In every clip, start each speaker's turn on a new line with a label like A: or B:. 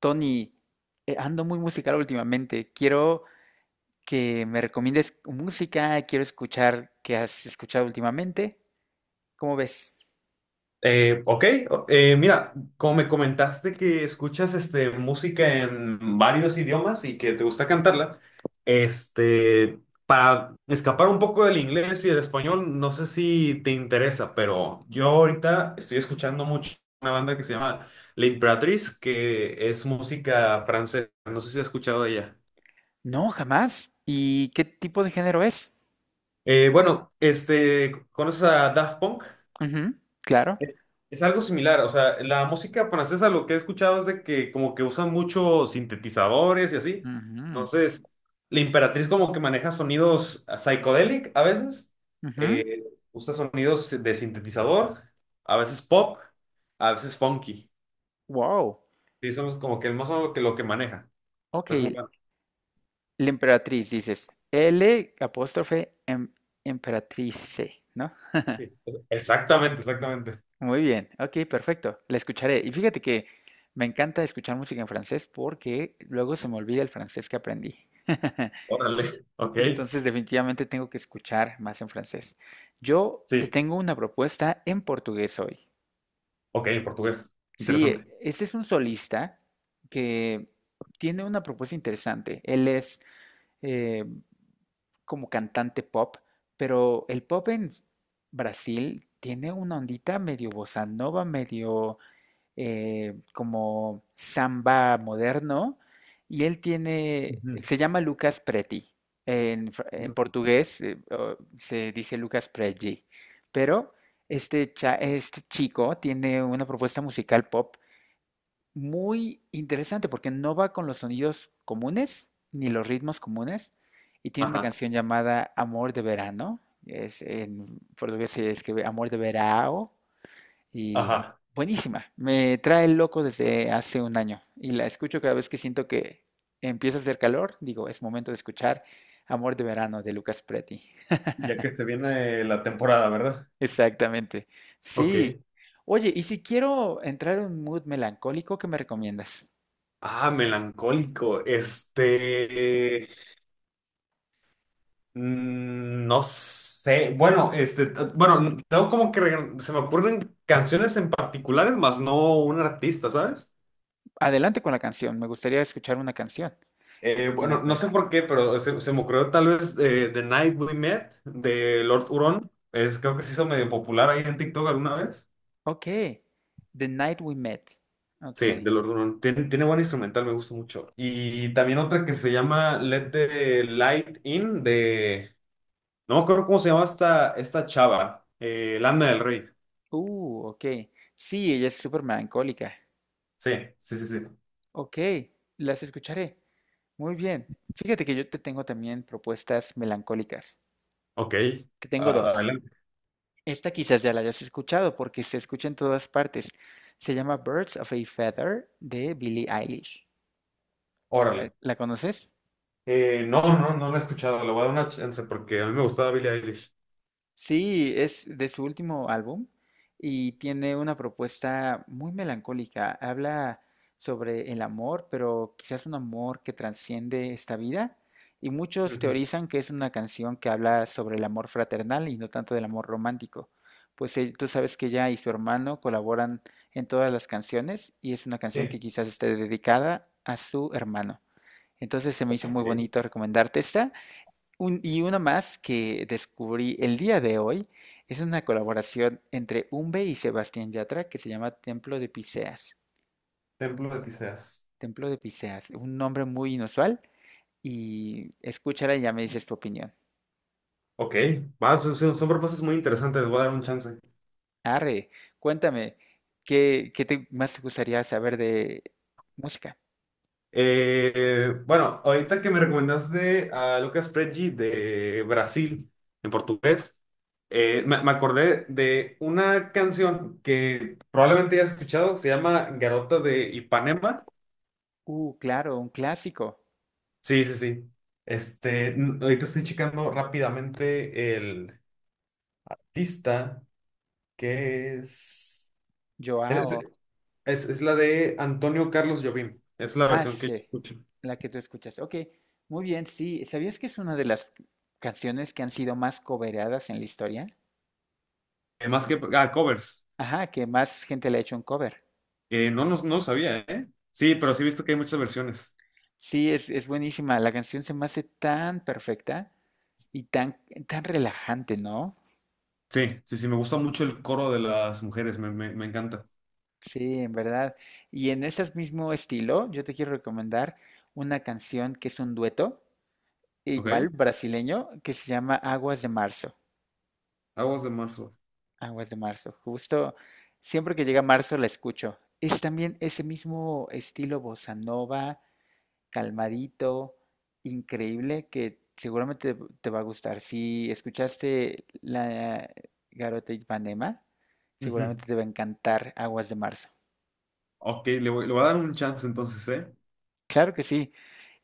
A: Tony, ando muy musical últimamente. Quiero que me recomiendes música, quiero escuchar qué has escuchado últimamente. ¿Cómo ves?
B: Eh, ok, mira, como me comentaste que escuchas música en varios idiomas y que te gusta cantarla, para escapar un poco del inglés y del español, no sé si te interesa, pero yo ahorita estoy escuchando mucho una banda que se llama La Imperatriz, que es música francesa, no sé si has escuchado de ella.
A: No, jamás. ¿Y qué tipo de género es?
B: ¿Conoces a Daft Punk?
A: Ujú, claro.
B: Es, es algo similar, o sea, la música francesa lo que he escuchado es de que como que usan muchos sintetizadores y así.
A: Ujú,
B: Entonces, la Imperatriz como que maneja sonidos psychedelic a veces,
A: ujú.
B: eh, usa sonidos de sintetizador, a veces pop, a veces funky.
A: Wow.
B: Sí, somos como que más o menos lo que maneja.
A: Ok,
B: Pero es muy bueno.
A: la emperatriz, dices. L apóstrofe emperatrice, ¿no?
B: Sí. Exactamente, exactamente.
A: Muy bien, ok, perfecto. La escucharé. Y fíjate que me encanta escuchar música en francés porque luego se me olvida el francés que aprendí.
B: Órale, ok.
A: Entonces, definitivamente tengo que escuchar más en francés. Yo te
B: Sí,
A: tengo una propuesta en portugués hoy.
B: ok, en portugués.
A: Sí,
B: Interesante.
A: este es un solista que tiene una propuesta interesante. Él es eh, como cantante pop, pero el pop en Brasil tiene una ondita medio bossa nova, medio como samba moderno y él tiene,
B: Ujú.
A: se llama Lucas Preti. En, en portugués se dice Lucas Preti, pero este, este chico tiene una propuesta musical pop muy interesante porque no va con los sonidos comunes ni los ritmos comunes y tiene una
B: Ajá,
A: canción llamada Amor de Verano. Es, en portugués se escribe Amor de Verão y
B: ajá.
A: buenísima. Me trae el loco desde hace un año. Y la escucho cada vez que siento que empieza a hacer calor. Digo, es momento de escuchar Amor de Verano de Lucas Preti.
B: Ya que este viene la temporada, ¿verdad?
A: Exactamente.
B: Ok.
A: Sí. Oye, y si quiero entrar en un mood melancólico, ¿qué me recomiendas?
B: Ah, melancólico. No sé. Bueno, tengo como que se me ocurren canciones en particulares, más no un artista, ¿sabes?
A: Adelante con la canción. Me gustaría escuchar una canción
B: Bueno, no
A: melancólica.
B: sé por qué, pero se me ocurrió tal vez The Night We Met de Lord Huron. Es, creo que se hizo medio popular ahí en TikTok alguna vez.
A: Ok. The Night We Met.
B: Sí,
A: Ok.
B: de los Run. Tiene, buen instrumental, me gusta mucho. Y también otra que se llama Let the Light In de... No me acuerdo cómo se llama esta chava. Lana del Rey.
A: Ok. Sí, ella es súper melancólica.
B: Sí, sí, sí, sí.
A: Ok, las escucharé. Muy bien. Fíjate que yo te tengo también propuestas melancólicas.
B: Ok.
A: Te tengo
B: Ah,
A: dos.
B: adelante.
A: Esta quizás ya la hayas escuchado porque se escucha en todas partes. Se llama Birds of a Feather de Billie Eilish.
B: Órale.
A: ¿La conoces?
B: No la he escuchado. Le voy a dar una chance porque a mí me gustaba Billie Eilish.
A: Sí, es de su último álbum y tiene una propuesta muy melancólica. Habla sobre el amor, pero quizás un amor que trasciende esta vida. Y muchos
B: Ujú.
A: teorizan que es una canción que habla sobre el amor fraternal y no tanto del amor romántico. Pues tú sabes que ella y su hermano colaboran en todas las canciones y es una canción
B: Sí.
A: que quizás esté dedicada a su hermano. Entonces se me hizo muy
B: Ok.
A: bonito recomendarte esta. Y una más que descubrí el día de hoy es una colaboración entre Umbe y Sebastián Yatra que se llama Templo de Piseas.
B: Templo de Tiseas.
A: Templo de Piseas, un nombre muy inusual y escúchala y ya me dices tu opinión.
B: Ok. Va, son propuestas muy interesantes. Les voy a dar un chance.
A: Arre, cuéntame, ¿qué te más te gustaría saber de música?
B: Bueno, ahorita que me recomendaste a Lucas Preggi de Brasil, en portugués, me acordé de una canción que probablemente ya has escuchado, se llama Garota de Ipanema.
A: Claro, un clásico.
B: Sí, sí, sí. Ahorita estoy checando rápidamente el artista, que es... Es,
A: Joao.
B: es la de Antonio Carlos Jobim, es la
A: Ah,
B: versión
A: sí,
B: que yo
A: sí,
B: escucho.
A: la que tú escuchas. Ok, muy bien, sí. ¿Sabías que es una de las canciones que han sido más cobereadas en la historia?
B: Más que... Ah, covers.
A: Ajá, que más gente le ha hecho un cover.
B: No lo sabía, ¿eh? Sí, pero
A: S-
B: sí he visto que hay muchas versiones.
A: Sí, es buenísima. La canción se me hace tan perfecta y tan, tan relajante, ¿no?
B: Sí, sí, sí, me gusta mucho el coro de las mujeres, me encanta.
A: Sí, en verdad. Y en ese mismo estilo, yo te quiero recomendar una canción que es un dueto,
B: ¿Ok?
A: igual brasileño, que se llama Aguas de Marzo.
B: Aguas de marzo.
A: Aguas de Marzo. Justo siempre que llega marzo la escucho. Es también ese mismo estilo bossa nova, calmadito, increíble, que seguramente te, te va a gustar. Si escuchaste la Garota Ipanema,
B: Ujú.
A: seguramente te va a encantar Aguas de Marzo.
B: Ok, le voy a dar un chance entonces, ¿eh?
A: Claro que sí.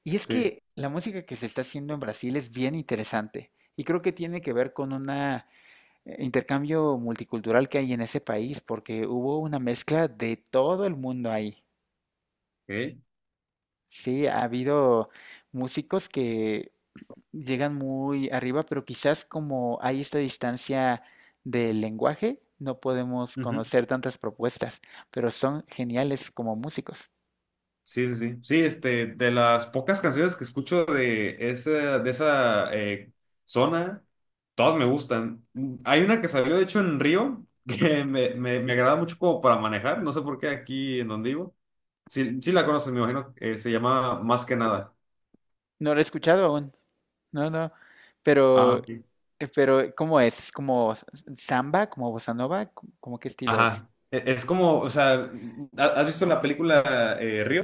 A: Y es
B: Sí,
A: que la música que se está haciendo en Brasil es bien interesante y creo que tiene que ver con un intercambio multicultural que hay en ese país, porque hubo una mezcla de todo el mundo ahí.
B: ok.
A: Sí, ha habido músicos que llegan muy arriba, pero quizás como hay esta distancia del lenguaje, no podemos
B: Ujú.
A: conocer tantas propuestas, pero son geniales como músicos.
B: Sí, sí, sí. Sí, de las pocas canciones que escucho de esa, de esa zona, todas me gustan. Hay una que salió, de hecho, en Río, que me agrada mucho como para manejar, no sé por qué aquí en donde vivo. Sí, sí la conoces, me imagino. Se llama Más que nada.
A: No lo he escuchado aún, no, no,
B: Ah,
A: pero,
B: ok.
A: pero ¿cómo es? ¿Es como samba, como bossa nova? ¿Cómo cómo qué estilo es?
B: Ajá. Es como, o sea, ¿has visto la película Río?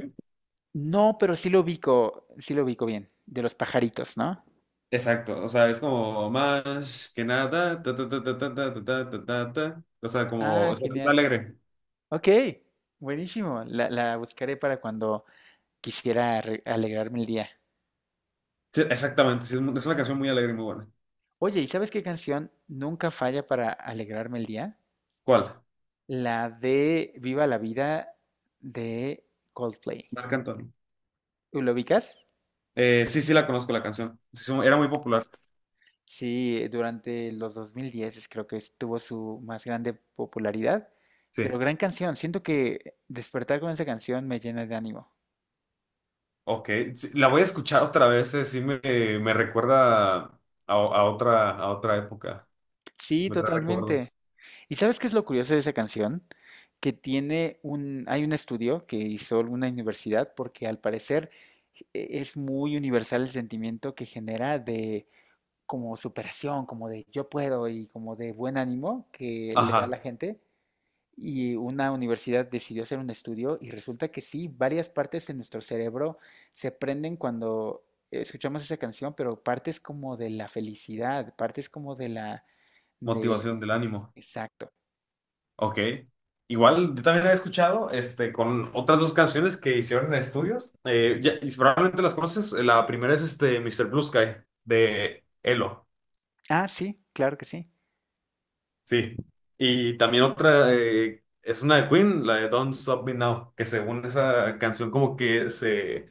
A: No, pero sí lo ubico bien, de los pajaritos, ¿no?
B: Exacto, o sea, es como más que nada, ta, ta, ta, ta, ta, ta, ta, ta, ta, ta, ta. O sea, como, o
A: Ah,
B: sea, está
A: genial.
B: alegre.
A: Ok, buenísimo. La buscaré para cuando quisiera alegrarme el día.
B: Sí, exactamente, sí, es una canción muy alegre y muy buena.
A: Oye, ¿y sabes qué canción nunca falla para alegrarme el día?
B: ¿Cuál?
A: La de Viva la Vida de Coldplay.
B: Marc Anthony.
A: ¿Lo ubicas?
B: Sí, sí la conozco la canción. Sí, sí,
A: Sí.
B: era muy popular.
A: Sí, durante los 2010 creo que estuvo su más grande popularidad,
B: Sí.
A: pero gran canción. Siento que despertar con esa canción me llena de ánimo.
B: Ok, sí, la voy a escuchar otra vez, sí me recuerda a, a otra época,
A: Sí,
B: me trae
A: totalmente.
B: recuerdos.
A: ¿Y sabes qué es lo curioso de esa canción? Que tiene un, hay un estudio que hizo alguna universidad porque al parecer es muy universal el sentimiento que genera de como superación, como de yo puedo y como de buen ánimo que le da a la
B: Ajá,
A: gente. Y una universidad decidió hacer un estudio y resulta que sí, varias partes de nuestro cerebro se prenden cuando escuchamos esa canción, pero partes como de la felicidad, partes como de la, de,
B: motivación del ánimo.
A: exacto.
B: Ok. Igual yo también he escuchado con otras dos canciones que hicieron en estudios. Y probablemente las conoces. La primera es Mister Blue Sky de Elo.
A: Ah, sí, claro que sí.
B: Sí. Y también otra es una de Queen, la de Don't Stop Me Now, que según esa canción como que se,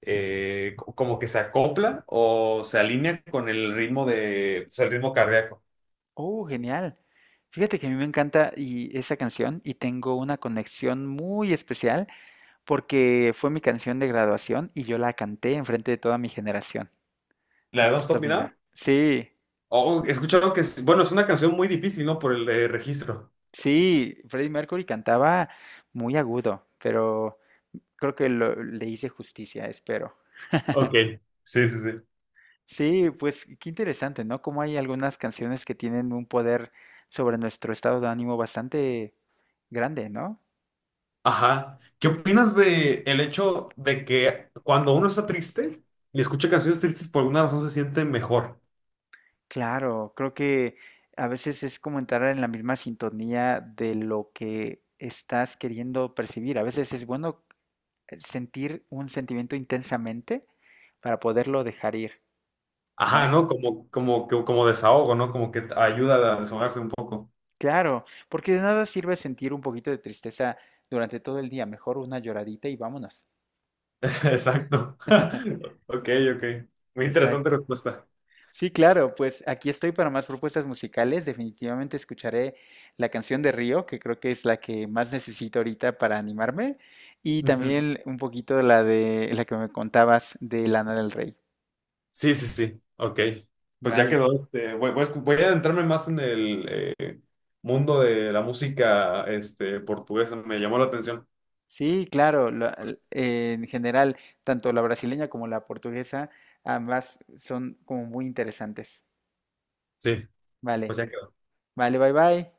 B: eh, co- como que se acopla o se alinea con el ritmo de, pues, el ritmo cardíaco.
A: Oh, genial. Fíjate que a mí me encanta y esa canción y tengo una conexión muy especial porque fue mi canción de graduación y yo la canté enfrente de toda mi generación.
B: La
A: De
B: de Don't
A: esta
B: Stop Me Now.
A: mina. Sí,
B: Oh, he escuchado que es, bueno, es una canción muy difícil, ¿no? Por el registro.
A: sí, Freddie Mercury cantaba muy agudo, pero creo que le hice justicia, espero.
B: Ok, sí, sí, sí.
A: Sí, pues qué interesante, ¿no? Como hay algunas canciones que tienen un poder sobre nuestro estado de ánimo bastante grande, ¿no?
B: Ajá. ¿Qué opinas de el hecho de que cuando uno está triste y escucha canciones tristes por alguna razón se siente mejor?
A: Claro, creo que a veces es como entrar en la misma sintonía de lo que estás queriendo percibir. A veces es bueno sentir un sentimiento intensamente para poderlo dejar ir,
B: Ajá,
A: ¿no?
B: ¿no? Como, como, como desahogo, ¿no? Como que ayuda a desahogarse un poco.
A: Claro, porque de nada sirve sentir un poquito de tristeza durante todo el día. Mejor una lloradita y vámonos.
B: Exacto. Ok, ok. Muy interesante
A: Exacto.
B: respuesta.
A: Sí, claro, pues aquí estoy para más propuestas musicales. Definitivamente escucharé la canción de Río, que creo que es la que más necesito ahorita para animarme, y
B: Ujú.
A: también un poquito de la que me contabas de Lana del Rey.
B: Sí, sí, sí. Ok. Pues ya
A: Vale.
B: quedó. Voy a voy a adentrarme más en el eh, mundo de la música portuguesa. Me llamó la atención.
A: Sí, claro, en general, tanto la brasileña como la portuguesa, ambas son como muy interesantes.
B: Sí, pues
A: Vale,
B: ya quedó.
A: vale, bye bye.